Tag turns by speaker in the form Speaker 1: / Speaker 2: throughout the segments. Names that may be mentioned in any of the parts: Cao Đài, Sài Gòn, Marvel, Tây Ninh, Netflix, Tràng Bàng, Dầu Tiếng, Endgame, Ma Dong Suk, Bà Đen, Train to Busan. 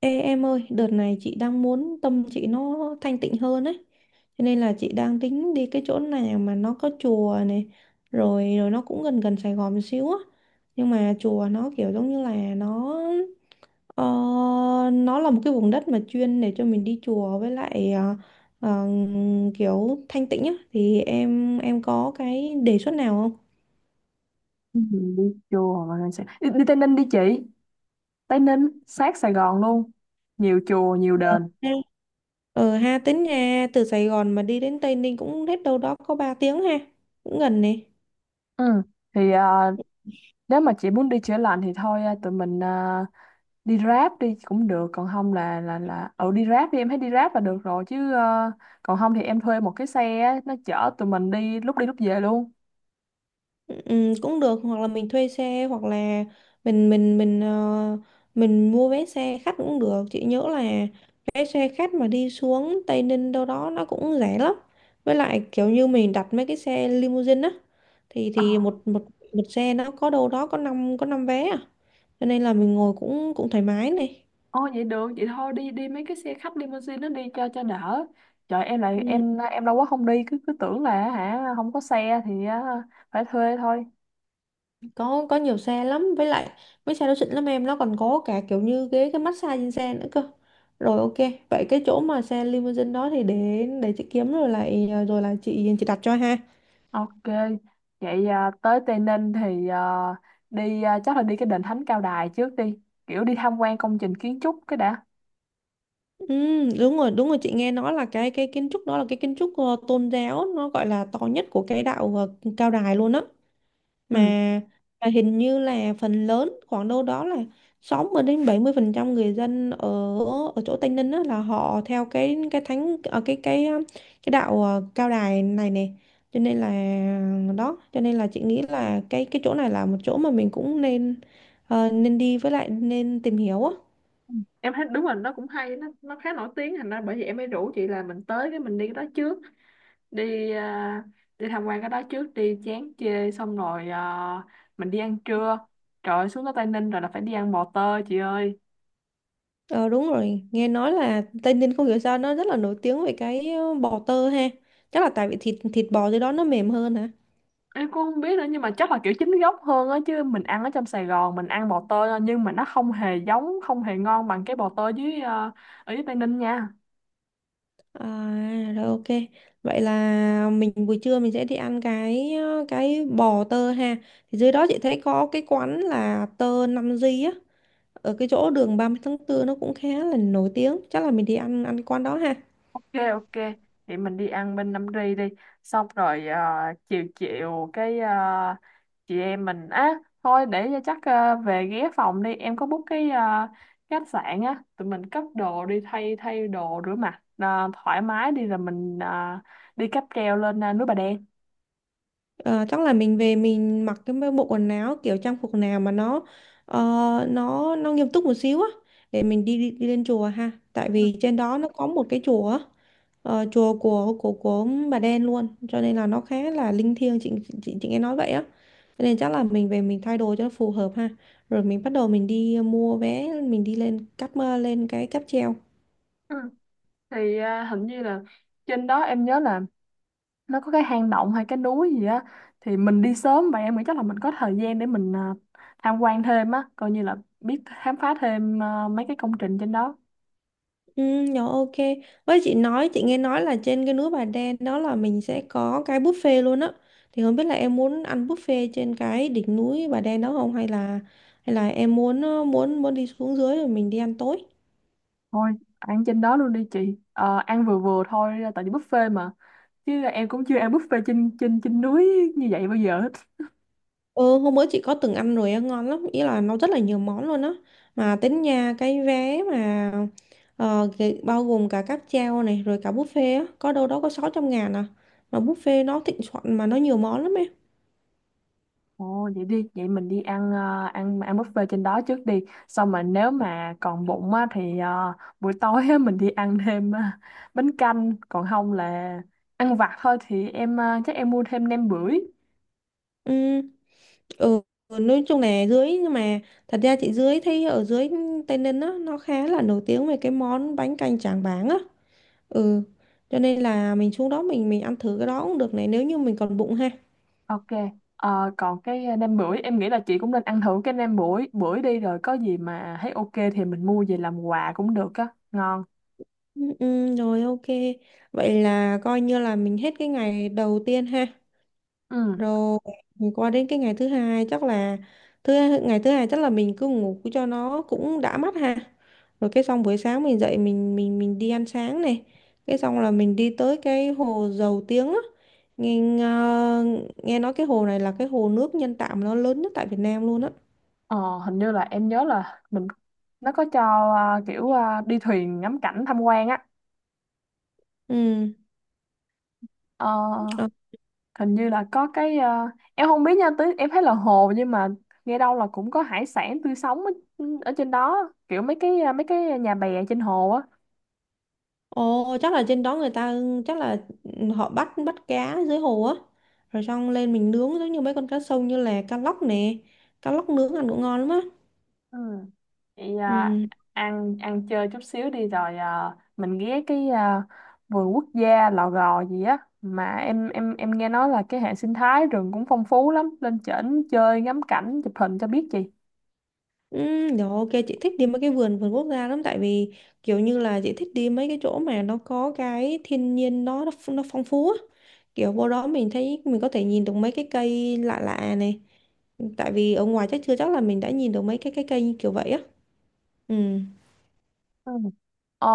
Speaker 1: Ê em ơi, đợt này chị đang muốn tâm chị nó thanh tịnh hơn ấy. Cho nên là chị đang tính đi cái chỗ nào mà nó có chùa này, rồi rồi nó cũng gần gần Sài Gòn một xíu á. Nhưng mà chùa nó kiểu giống như là ờ, nó là một cái vùng đất mà chuyên để cho mình đi chùa với lại ờ, kiểu thanh tịnh á, thì em có cái đề xuất nào không?
Speaker 2: Ừ, đi chùa mà đi Tây Ninh đi chị. Tây Ninh sát Sài Gòn luôn, nhiều chùa nhiều
Speaker 1: Ờ,
Speaker 2: đền.
Speaker 1: ha. Ờ ha, tính nha, từ Sài Gòn mà đi đến Tây Ninh cũng hết đâu đó có 3 tiếng ha. Cũng gần nè.
Speaker 2: Ừ. thì nếu mà chị muốn đi chữa lành thì thôi, tụi mình đi Grab đi cũng được, còn không là đi Grab đi, em thấy đi Grab là được rồi chứ. Còn không thì em thuê một cái xe á, nó chở tụi mình đi lúc về luôn.
Speaker 1: Ừ, cũng được, hoặc là mình thuê xe hoặc là mình mình mình ờ, mình mua vé xe khách cũng được, chị nhớ là vé xe khách mà đi xuống Tây Ninh đâu đó nó cũng rẻ lắm, với lại kiểu như mình đặt mấy cái xe limousine á, thì
Speaker 2: Ờ.
Speaker 1: thì một một một xe nó có đâu đó có 5 vé à, cho nên là mình ngồi cũng cũng thoải mái này.
Speaker 2: Ồ, vậy được, vậy thôi đi đi mấy cái xe khách limousine nó đi cho đỡ. Trời, em lại
Speaker 1: Ừ.
Speaker 2: em lâu quá không đi, cứ cứ tưởng là hả, không có xe thì phải thuê thôi.
Speaker 1: Có nhiều xe lắm, với lại mấy xe đó xịn lắm em, nó còn có cả kiểu như ghế cái massage trên xe nữa cơ. Rồi ok, vậy cái chỗ mà xe limousine đó thì để chị kiếm, rồi là chị đặt cho ha.
Speaker 2: Ok, vậy tới Tây Ninh thì đi, chắc là đi cái đền Thánh Cao Đài trước đi, kiểu đi tham quan công trình kiến trúc cái đã.
Speaker 1: Ừ, đúng rồi, đúng rồi, chị nghe nói là cái kiến trúc đó là cái kiến trúc tôn giáo, nó gọi là to nhất của cái đạo cao đài luôn á,
Speaker 2: Ừ.
Speaker 1: mà hình như là phần lớn khoảng đâu đó là 60% đến 70% người dân ở ở chỗ Tây Ninh á, là họ theo cái thánh, cái đạo, cao đài này nè, cho nên là đó, cho nên là chị nghĩ là cái chỗ này là một chỗ mà mình cũng nên đi, với lại nên tìm hiểu á.
Speaker 2: Em thấy đúng rồi, nó cũng hay, nó khá nổi tiếng, thành ra bởi vì em mới rủ chị là mình tới cái mình đi cái đó trước, đi à, đi tham quan cái đó trước đi chán chê, xong rồi mình đi ăn trưa. Trời ơi, xuống tới Tây Ninh rồi là phải đi ăn bò tơ chị ơi.
Speaker 1: Ờ đúng rồi, nghe nói là Tây Ninh không hiểu sao nó rất là nổi tiếng về cái bò tơ ha. Chắc là tại vì thịt thịt bò dưới đó nó mềm hơn.
Speaker 2: Em cũng không biết nữa, nhưng mà chắc là kiểu chính gốc hơn á, chứ mình ăn ở trong Sài Gòn mình ăn bò tơi thôi, nhưng mà nó không hề giống, không hề ngon bằng cái bò tơi dưới, ở dưới Tây Ninh nha.
Speaker 1: À, rồi ok. Vậy là mình buổi trưa mình sẽ đi ăn cái bò tơ ha. Thì dưới đó chị thấy có cái quán là Tơ 5G á, ở cái chỗ đường 30 tháng 4 nó cũng khá là nổi tiếng. Chắc là mình đi ăn ăn quán đó ha.
Speaker 2: Ok, ok, vậy mình đi ăn bên Nam Ri đi, xong rồi chiều chiều cái, chị em mình á, thôi để cho chắc, về ghé phòng đi, em có book cái khách sạn á, tụi mình cất đồ đi, thay thay đồ, rửa mặt thoải mái đi, rồi mình đi cáp treo lên núi Bà Đen.
Speaker 1: Ờ, chắc là mình về mình mặc cái bộ quần áo kiểu trang phục nào mà nó ờ, nó nghiêm túc một xíu á, để mình đi, đi đi lên chùa ha. Tại vì trên đó nó có một cái chùa á, chùa của bà đen luôn, cho nên là nó khá là linh thiêng chị, chị nghe nói vậy á, cho nên chắc là mình về mình thay đồ cho nó phù hợp ha, rồi mình bắt đầu mình đi mua vé, mình đi lên cáp mơ lên cái cáp treo.
Speaker 2: Ừ. Thì hình như là trên đó em nhớ là nó có cái hang động hay cái núi gì á, thì mình đi sớm vậy em nghĩ chắc là mình có thời gian để mình tham quan thêm á, coi như là biết khám phá thêm mấy cái công trình trên đó.
Speaker 1: Ừ, nhỏ, ok. Với chị nghe nói là trên cái núi Bà Đen đó là mình sẽ có cái buffet luôn á, thì không biết là em muốn ăn buffet trên cái đỉnh núi Bà Đen đó không, hay là em muốn ờ, muốn muốn đi xuống dưới rồi mình đi ăn tối.
Speaker 2: Thôi ăn trên đó luôn đi chị. Ờ, ăn vừa vừa thôi tại vì buffet mà, chứ em cũng chưa ăn buffet trên trên trên núi như vậy bao giờ hết.
Speaker 1: Ừ, hôm bữa chị có từng ăn rồi á, ngon lắm, ý là nó rất là nhiều món luôn á, mà tính nha cái vé mà bao gồm cả cáp treo này rồi cả buffet á, có đâu đó có 600.000 à, mà buffet nó thịnh soạn mà nó nhiều món lắm em.
Speaker 2: Ồ, vậy đi, vậy mình đi ăn ăn ăn buffet trên đó trước đi. Xong mà nếu mà còn bụng á thì buổi tối á, mình đi ăn thêm bánh canh, còn không là ăn vặt thôi, thì em chắc em mua thêm nem bưởi.
Speaker 1: Ừ, ừ, nói chung là nhưng mà thật ra chị thấy ở dưới Tây Ninh á, nó khá là nổi tiếng về cái món bánh canh Tràng Bàng á, ừ, cho nên là mình xuống đó mình ăn thử cái đó cũng được này, nếu như mình còn bụng ha.
Speaker 2: Ok. Ờ, còn cái nem bưởi em nghĩ là chị cũng nên ăn thử cái nem bưởi bưởi đi, rồi có gì mà thấy ok thì mình mua về làm quà cũng được á, ngon.
Speaker 1: Ừ, ừ, rồi ok. Vậy là coi như là mình hết cái ngày đầu tiên ha.
Speaker 2: Ừ.
Speaker 1: Rồi mình qua đến cái ngày thứ hai, chắc là thứ ngày thứ hai chắc là mình cứ ngủ cho nó cũng đã mắt ha. Rồi cái xong buổi sáng mình dậy mình đi ăn sáng này. Cái xong là mình đi tới cái hồ Dầu Tiếng á. Nghe Nghe nói cái hồ này là cái hồ nước nhân tạo mà nó lớn nhất tại Việt Nam luôn á.
Speaker 2: Ờ, hình như là em nhớ là mình nó có cho kiểu đi thuyền ngắm cảnh tham quan á.
Speaker 1: Ừ.
Speaker 2: Ờ,
Speaker 1: ờ,
Speaker 2: hình như là có cái em không biết nha, tới em thấy là hồ nhưng mà nghe đâu là cũng có hải sản tươi sống ở, trên đó, kiểu mấy cái mấy cái nhà bè trên hồ á.
Speaker 1: Ồ, chắc là trên đó người ta, chắc là họ bắt bắt cá dưới hồ á. Rồi xong lên mình nướng giống như mấy con cá sông như là cá lóc nè. Cá lóc nướng ăn cũng ngon lắm á.
Speaker 2: Ừ. Vậy
Speaker 1: Ừ.
Speaker 2: ăn ăn chơi chút xíu đi, rồi mình ghé cái vườn quốc gia Lò Gò gì á, mà em nghe nói là cái hệ sinh thái rừng cũng phong phú lắm, lên trển chơi ngắm cảnh chụp hình cho biết gì.
Speaker 1: Ừ, rồi ok, chị thích đi mấy cái vườn vườn quốc gia lắm, tại vì kiểu như là chị thích đi mấy cái chỗ mà nó có cái thiên nhiên nó phong phú á. Kiểu vô đó mình thấy mình có thể nhìn được mấy cái cây lạ lạ này. Tại vì ở ngoài chắc chưa chắc là mình đã nhìn được mấy cái cây như kiểu vậy á.
Speaker 2: Ờ,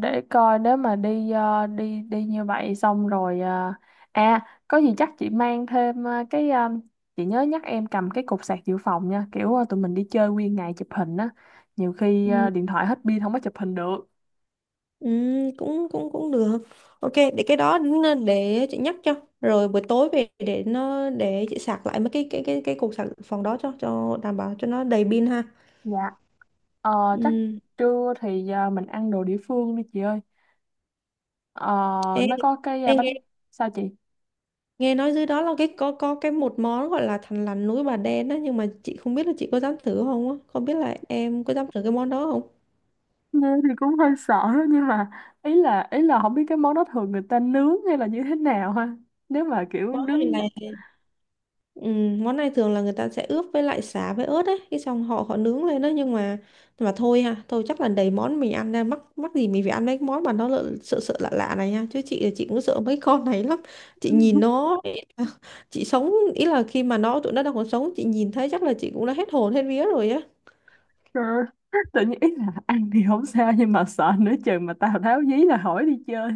Speaker 2: để coi nếu mà đi đi đi như vậy xong rồi, có gì chắc chị mang thêm cái chị nhớ nhắc em cầm cái cục sạc dự phòng nha, kiểu tụi mình đi chơi nguyên ngày chụp hình á, nhiều khi
Speaker 1: Ừ.
Speaker 2: điện thoại hết pin không có chụp hình được.
Speaker 1: Ừ, cũng cũng cũng được, ok, để cái đó để chị nhắc cho. Rồi buổi tối về để chị sạc lại mấy cái cục sạc phòng đó cho đảm bảo cho nó đầy pin ha.
Speaker 2: Dạ. Ờ, chắc
Speaker 1: Ừ.
Speaker 2: trưa thì mình ăn đồ địa phương đi chị ơi. Ờ,
Speaker 1: Ê,
Speaker 2: nó có cái
Speaker 1: ê,
Speaker 2: bánh sao chị?
Speaker 1: nghe nói dưới đó là cái có cái một món gọi là thằn lằn núi bà đen đó, nhưng mà chị không biết là chị có dám thử không á, không biết là em có dám thử cái món đó không.
Speaker 2: Nghe thì cũng hơi sợ đó, nhưng mà ý là không biết cái món đó thường người ta nướng hay là như thế nào ha, nếu mà kiểu
Speaker 1: Món
Speaker 2: nướng.
Speaker 1: này là Ừ, món này thường là người ta sẽ ướp với lại sả với ớt ấy, cái xong họ họ nướng lên đó, nhưng mà thôi ha, thôi chắc là đầy món mình ăn ra, mắc mắc gì mình phải ăn mấy cái món mà nó lợ- sợ sợ lạ lạ này nha, chứ chị cũng sợ mấy con này lắm. Chị nhìn nó ý là- Chị sống ý là khi mà tụi nó đang còn sống, chị nhìn thấy chắc là chị cũng đã hết hồn hết vía rồi á.
Speaker 2: Trời ơi, tự nhiên ý là ăn thì không sao nhưng mà sợ nữa chừng mà Tào Tháo dí là hỏi đi chơi.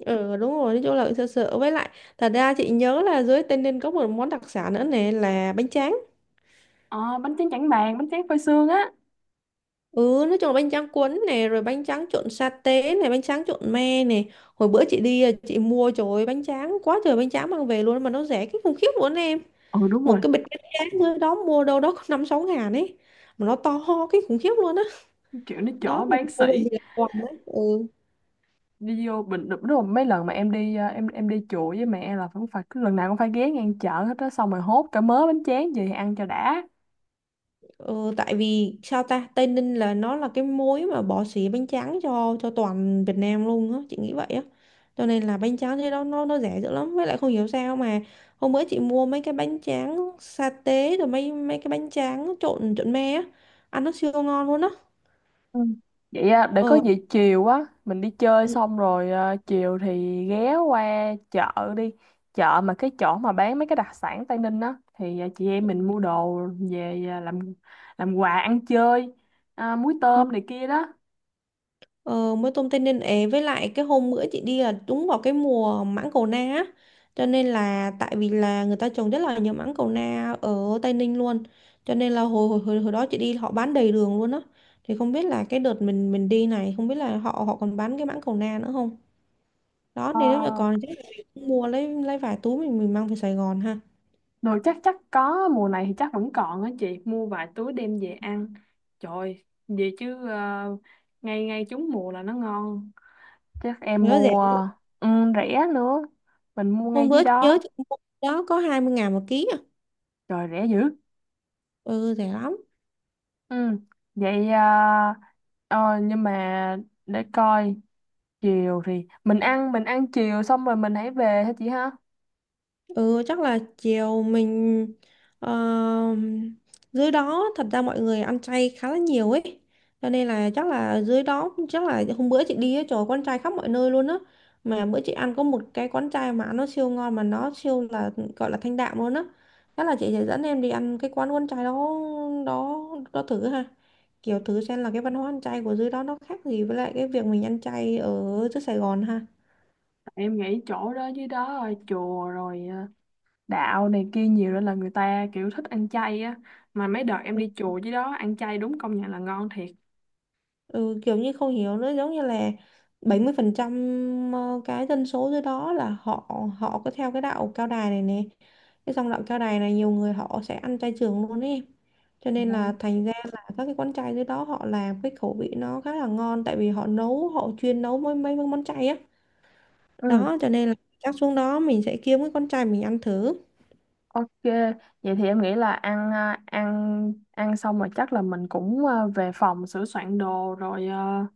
Speaker 1: Ừ đúng rồi, nói chung là cũng sợ sợ, với lại thật ra chị nhớ là dưới Tây Ninh có một món đặc sản nữa nè là bánh tráng.
Speaker 2: Ờ, bánh tráng Trảng Bàng, bánh tráng phơi sương á.
Speaker 1: Ừ, nói chung là bánh tráng cuốn này, rồi bánh tráng trộn sa tế này, bánh tráng trộn me này. Hồi bữa chị đi, à, chị mua, trời ơi, bánh tráng, quá trời bánh tráng mang về luôn, mà nó rẻ cái khủng khiếp luôn em.
Speaker 2: Ừ, đúng
Speaker 1: Một
Speaker 2: rồi,
Speaker 1: cái bịch bánh tráng thôi đó mua đâu đó có 5 6 ngàn ấy. Mà nó to ho cái khủng khiếp luôn á.
Speaker 2: kiểu nó
Speaker 1: Đó. Đó
Speaker 2: chỗ
Speaker 1: mình
Speaker 2: bán
Speaker 1: mua về
Speaker 2: sỉ
Speaker 1: mình làm quà ấy. Ừ.
Speaker 2: đi vô bình, đúng rồi mấy lần mà em đi em đi chùa với mẹ là cũng phải, cứ lần nào cũng phải ghé ngang chợ hết á, xong rồi hốt cả mớ bánh tráng về ăn cho đã.
Speaker 1: Ờ, tại vì sao ta Tây Ninh là nó là cái mối mà bỏ xỉ bánh tráng cho toàn Việt Nam luôn á, chị nghĩ vậy á, cho nên là bánh tráng thế đó nó rẻ dữ lắm, với lại không hiểu sao mà hôm bữa chị mua mấy cái bánh tráng sa tế, rồi mấy mấy cái bánh tráng trộn trộn me á, ăn nó siêu ngon luôn á.
Speaker 2: Ừ. Vậy để có
Speaker 1: ờ
Speaker 2: gì chiều á mình đi chơi
Speaker 1: ừ.
Speaker 2: xong rồi chiều thì ghé qua chợ đi, chợ mà cái chỗ mà bán mấy cái đặc sản Tây Ninh á, thì chị em mình mua đồ về làm quà ăn chơi, muối
Speaker 1: Ừ.
Speaker 2: tôm này kia đó.
Speaker 1: Ờ, mới tôm Tây Ninh ấy, với lại cái hôm bữa chị đi là đúng vào cái mùa mãng cầu na á, cho nên là, tại vì là người ta trồng rất là nhiều mãng cầu na ở Tây Ninh luôn, cho nên là hồi đó chị đi họ bán đầy đường luôn á, thì không biết là cái đợt mình đi này không biết là họ họ còn bán cái mãng cầu na nữa không, đó
Speaker 2: Ờ,
Speaker 1: nên nếu như còn chắc là mình cũng mua lấy vài túi mình mang về Sài Gòn ha,
Speaker 2: đồ chắc chắc có mùa này thì chắc vẫn còn á, chị mua vài túi đem về ăn, trời, về chứ ngay ngay trúng mùa là nó ngon, chắc em
Speaker 1: nó rẻ,
Speaker 2: mua. Ừ, rẻ nữa, mình mua
Speaker 1: hôm
Speaker 2: ngay dưới
Speaker 1: bữa chị nhớ
Speaker 2: đó.
Speaker 1: chị mua đó có 20.000 một ký à.
Speaker 2: Trời rẻ dữ.
Speaker 1: Ừ, rẻ lắm.
Speaker 2: Ừ. Vậy, nhưng mà để coi, chiều thì mình ăn, mình ăn chiều xong rồi mình hãy về hả chị ha?
Speaker 1: Ừ, chắc là chiều mình, ờ, dưới đó thật ra mọi người ăn chay khá là nhiều ấy, cho nên là chắc là dưới đó, chắc là hôm bữa chị đi ấy, trời ơi, quán chay khắp mọi nơi luôn á, mà bữa chị ăn có một cái quán chay mà nó siêu ngon mà nó siêu là, gọi là thanh đạm luôn á, chắc là chị sẽ dẫn em đi ăn cái quán quán chay đó, đó đó thử ha, kiểu thử xem là cái văn hóa ăn chay của dưới đó nó khác gì với lại cái việc mình ăn chay ở dưới Sài Gòn ha.
Speaker 2: Em nghĩ chỗ đó dưới đó rồi, chùa rồi đạo này kia nhiều nên là người ta kiểu thích ăn chay á. Mà mấy đợt em
Speaker 1: Ừ.
Speaker 2: đi chùa dưới đó ăn chay, đúng công nhận là ngon thiệt.
Speaker 1: Ừ, kiểu như không hiểu nữa, giống như là 70% cái dân số dưới đó là họ họ có theo cái đạo cao đài này nè, cái dòng đạo cao đài này nhiều người họ sẽ ăn chay trường luôn ấy, cho
Speaker 2: Ừ.
Speaker 1: nên là thành ra là các cái quán chay dưới đó họ làm cái khẩu vị nó khá là ngon, tại vì họ nấu, họ chuyên nấu mấy mấy món chay á,
Speaker 2: Ừ,
Speaker 1: đó cho nên là chắc xuống đó mình sẽ kiếm cái con trai mình ăn thử.
Speaker 2: ok. Vậy thì em nghĩ là ăn, ăn xong rồi chắc là mình cũng về phòng sửa soạn đồ rồi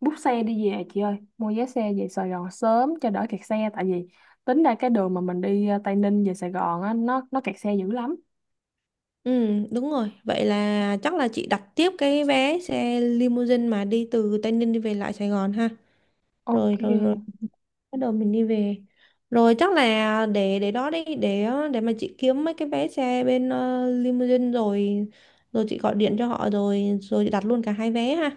Speaker 2: bút xe đi về chị ơi, mua vé xe về Sài Gòn sớm cho đỡ kẹt xe, tại vì tính ra cái đường mà mình đi Tây Ninh về Sài Gòn á, nó kẹt xe dữ lắm.
Speaker 1: Ừ đúng rồi, vậy là chắc là chị đặt tiếp cái vé xe limousine mà đi từ Tây Ninh đi về lại Sài Gòn ha.
Speaker 2: Ok.
Speaker 1: Rồi rồi Rồi bắt đầu mình đi về, rồi chắc là để đó đi, để mà chị kiếm mấy cái vé xe bên limousine, rồi rồi chị gọi điện cho họ, rồi rồi chị đặt luôn cả hai vé ha.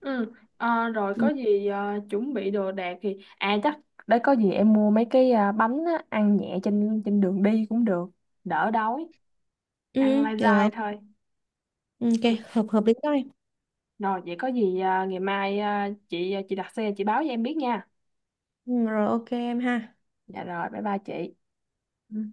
Speaker 2: Ừ, rồi có
Speaker 1: Ừ.
Speaker 2: gì chuẩn bị đồ đạc thì chắc để có gì em mua mấy cái bánh á, ăn nhẹ trên trên đường đi cũng được, đỡ đói, ăn
Speaker 1: Ừ,
Speaker 2: lai
Speaker 1: được
Speaker 2: rai
Speaker 1: không,
Speaker 2: thôi.
Speaker 1: ok,
Speaker 2: Ừ.
Speaker 1: hợp hợp lý thôi.
Speaker 2: Rồi vậy có gì ngày mai chị chị đặt xe chị báo cho em biết nha.
Speaker 1: Ừ, rồi ok em ha.
Speaker 2: Dạ, rồi bye bye chị.
Speaker 1: Ừ.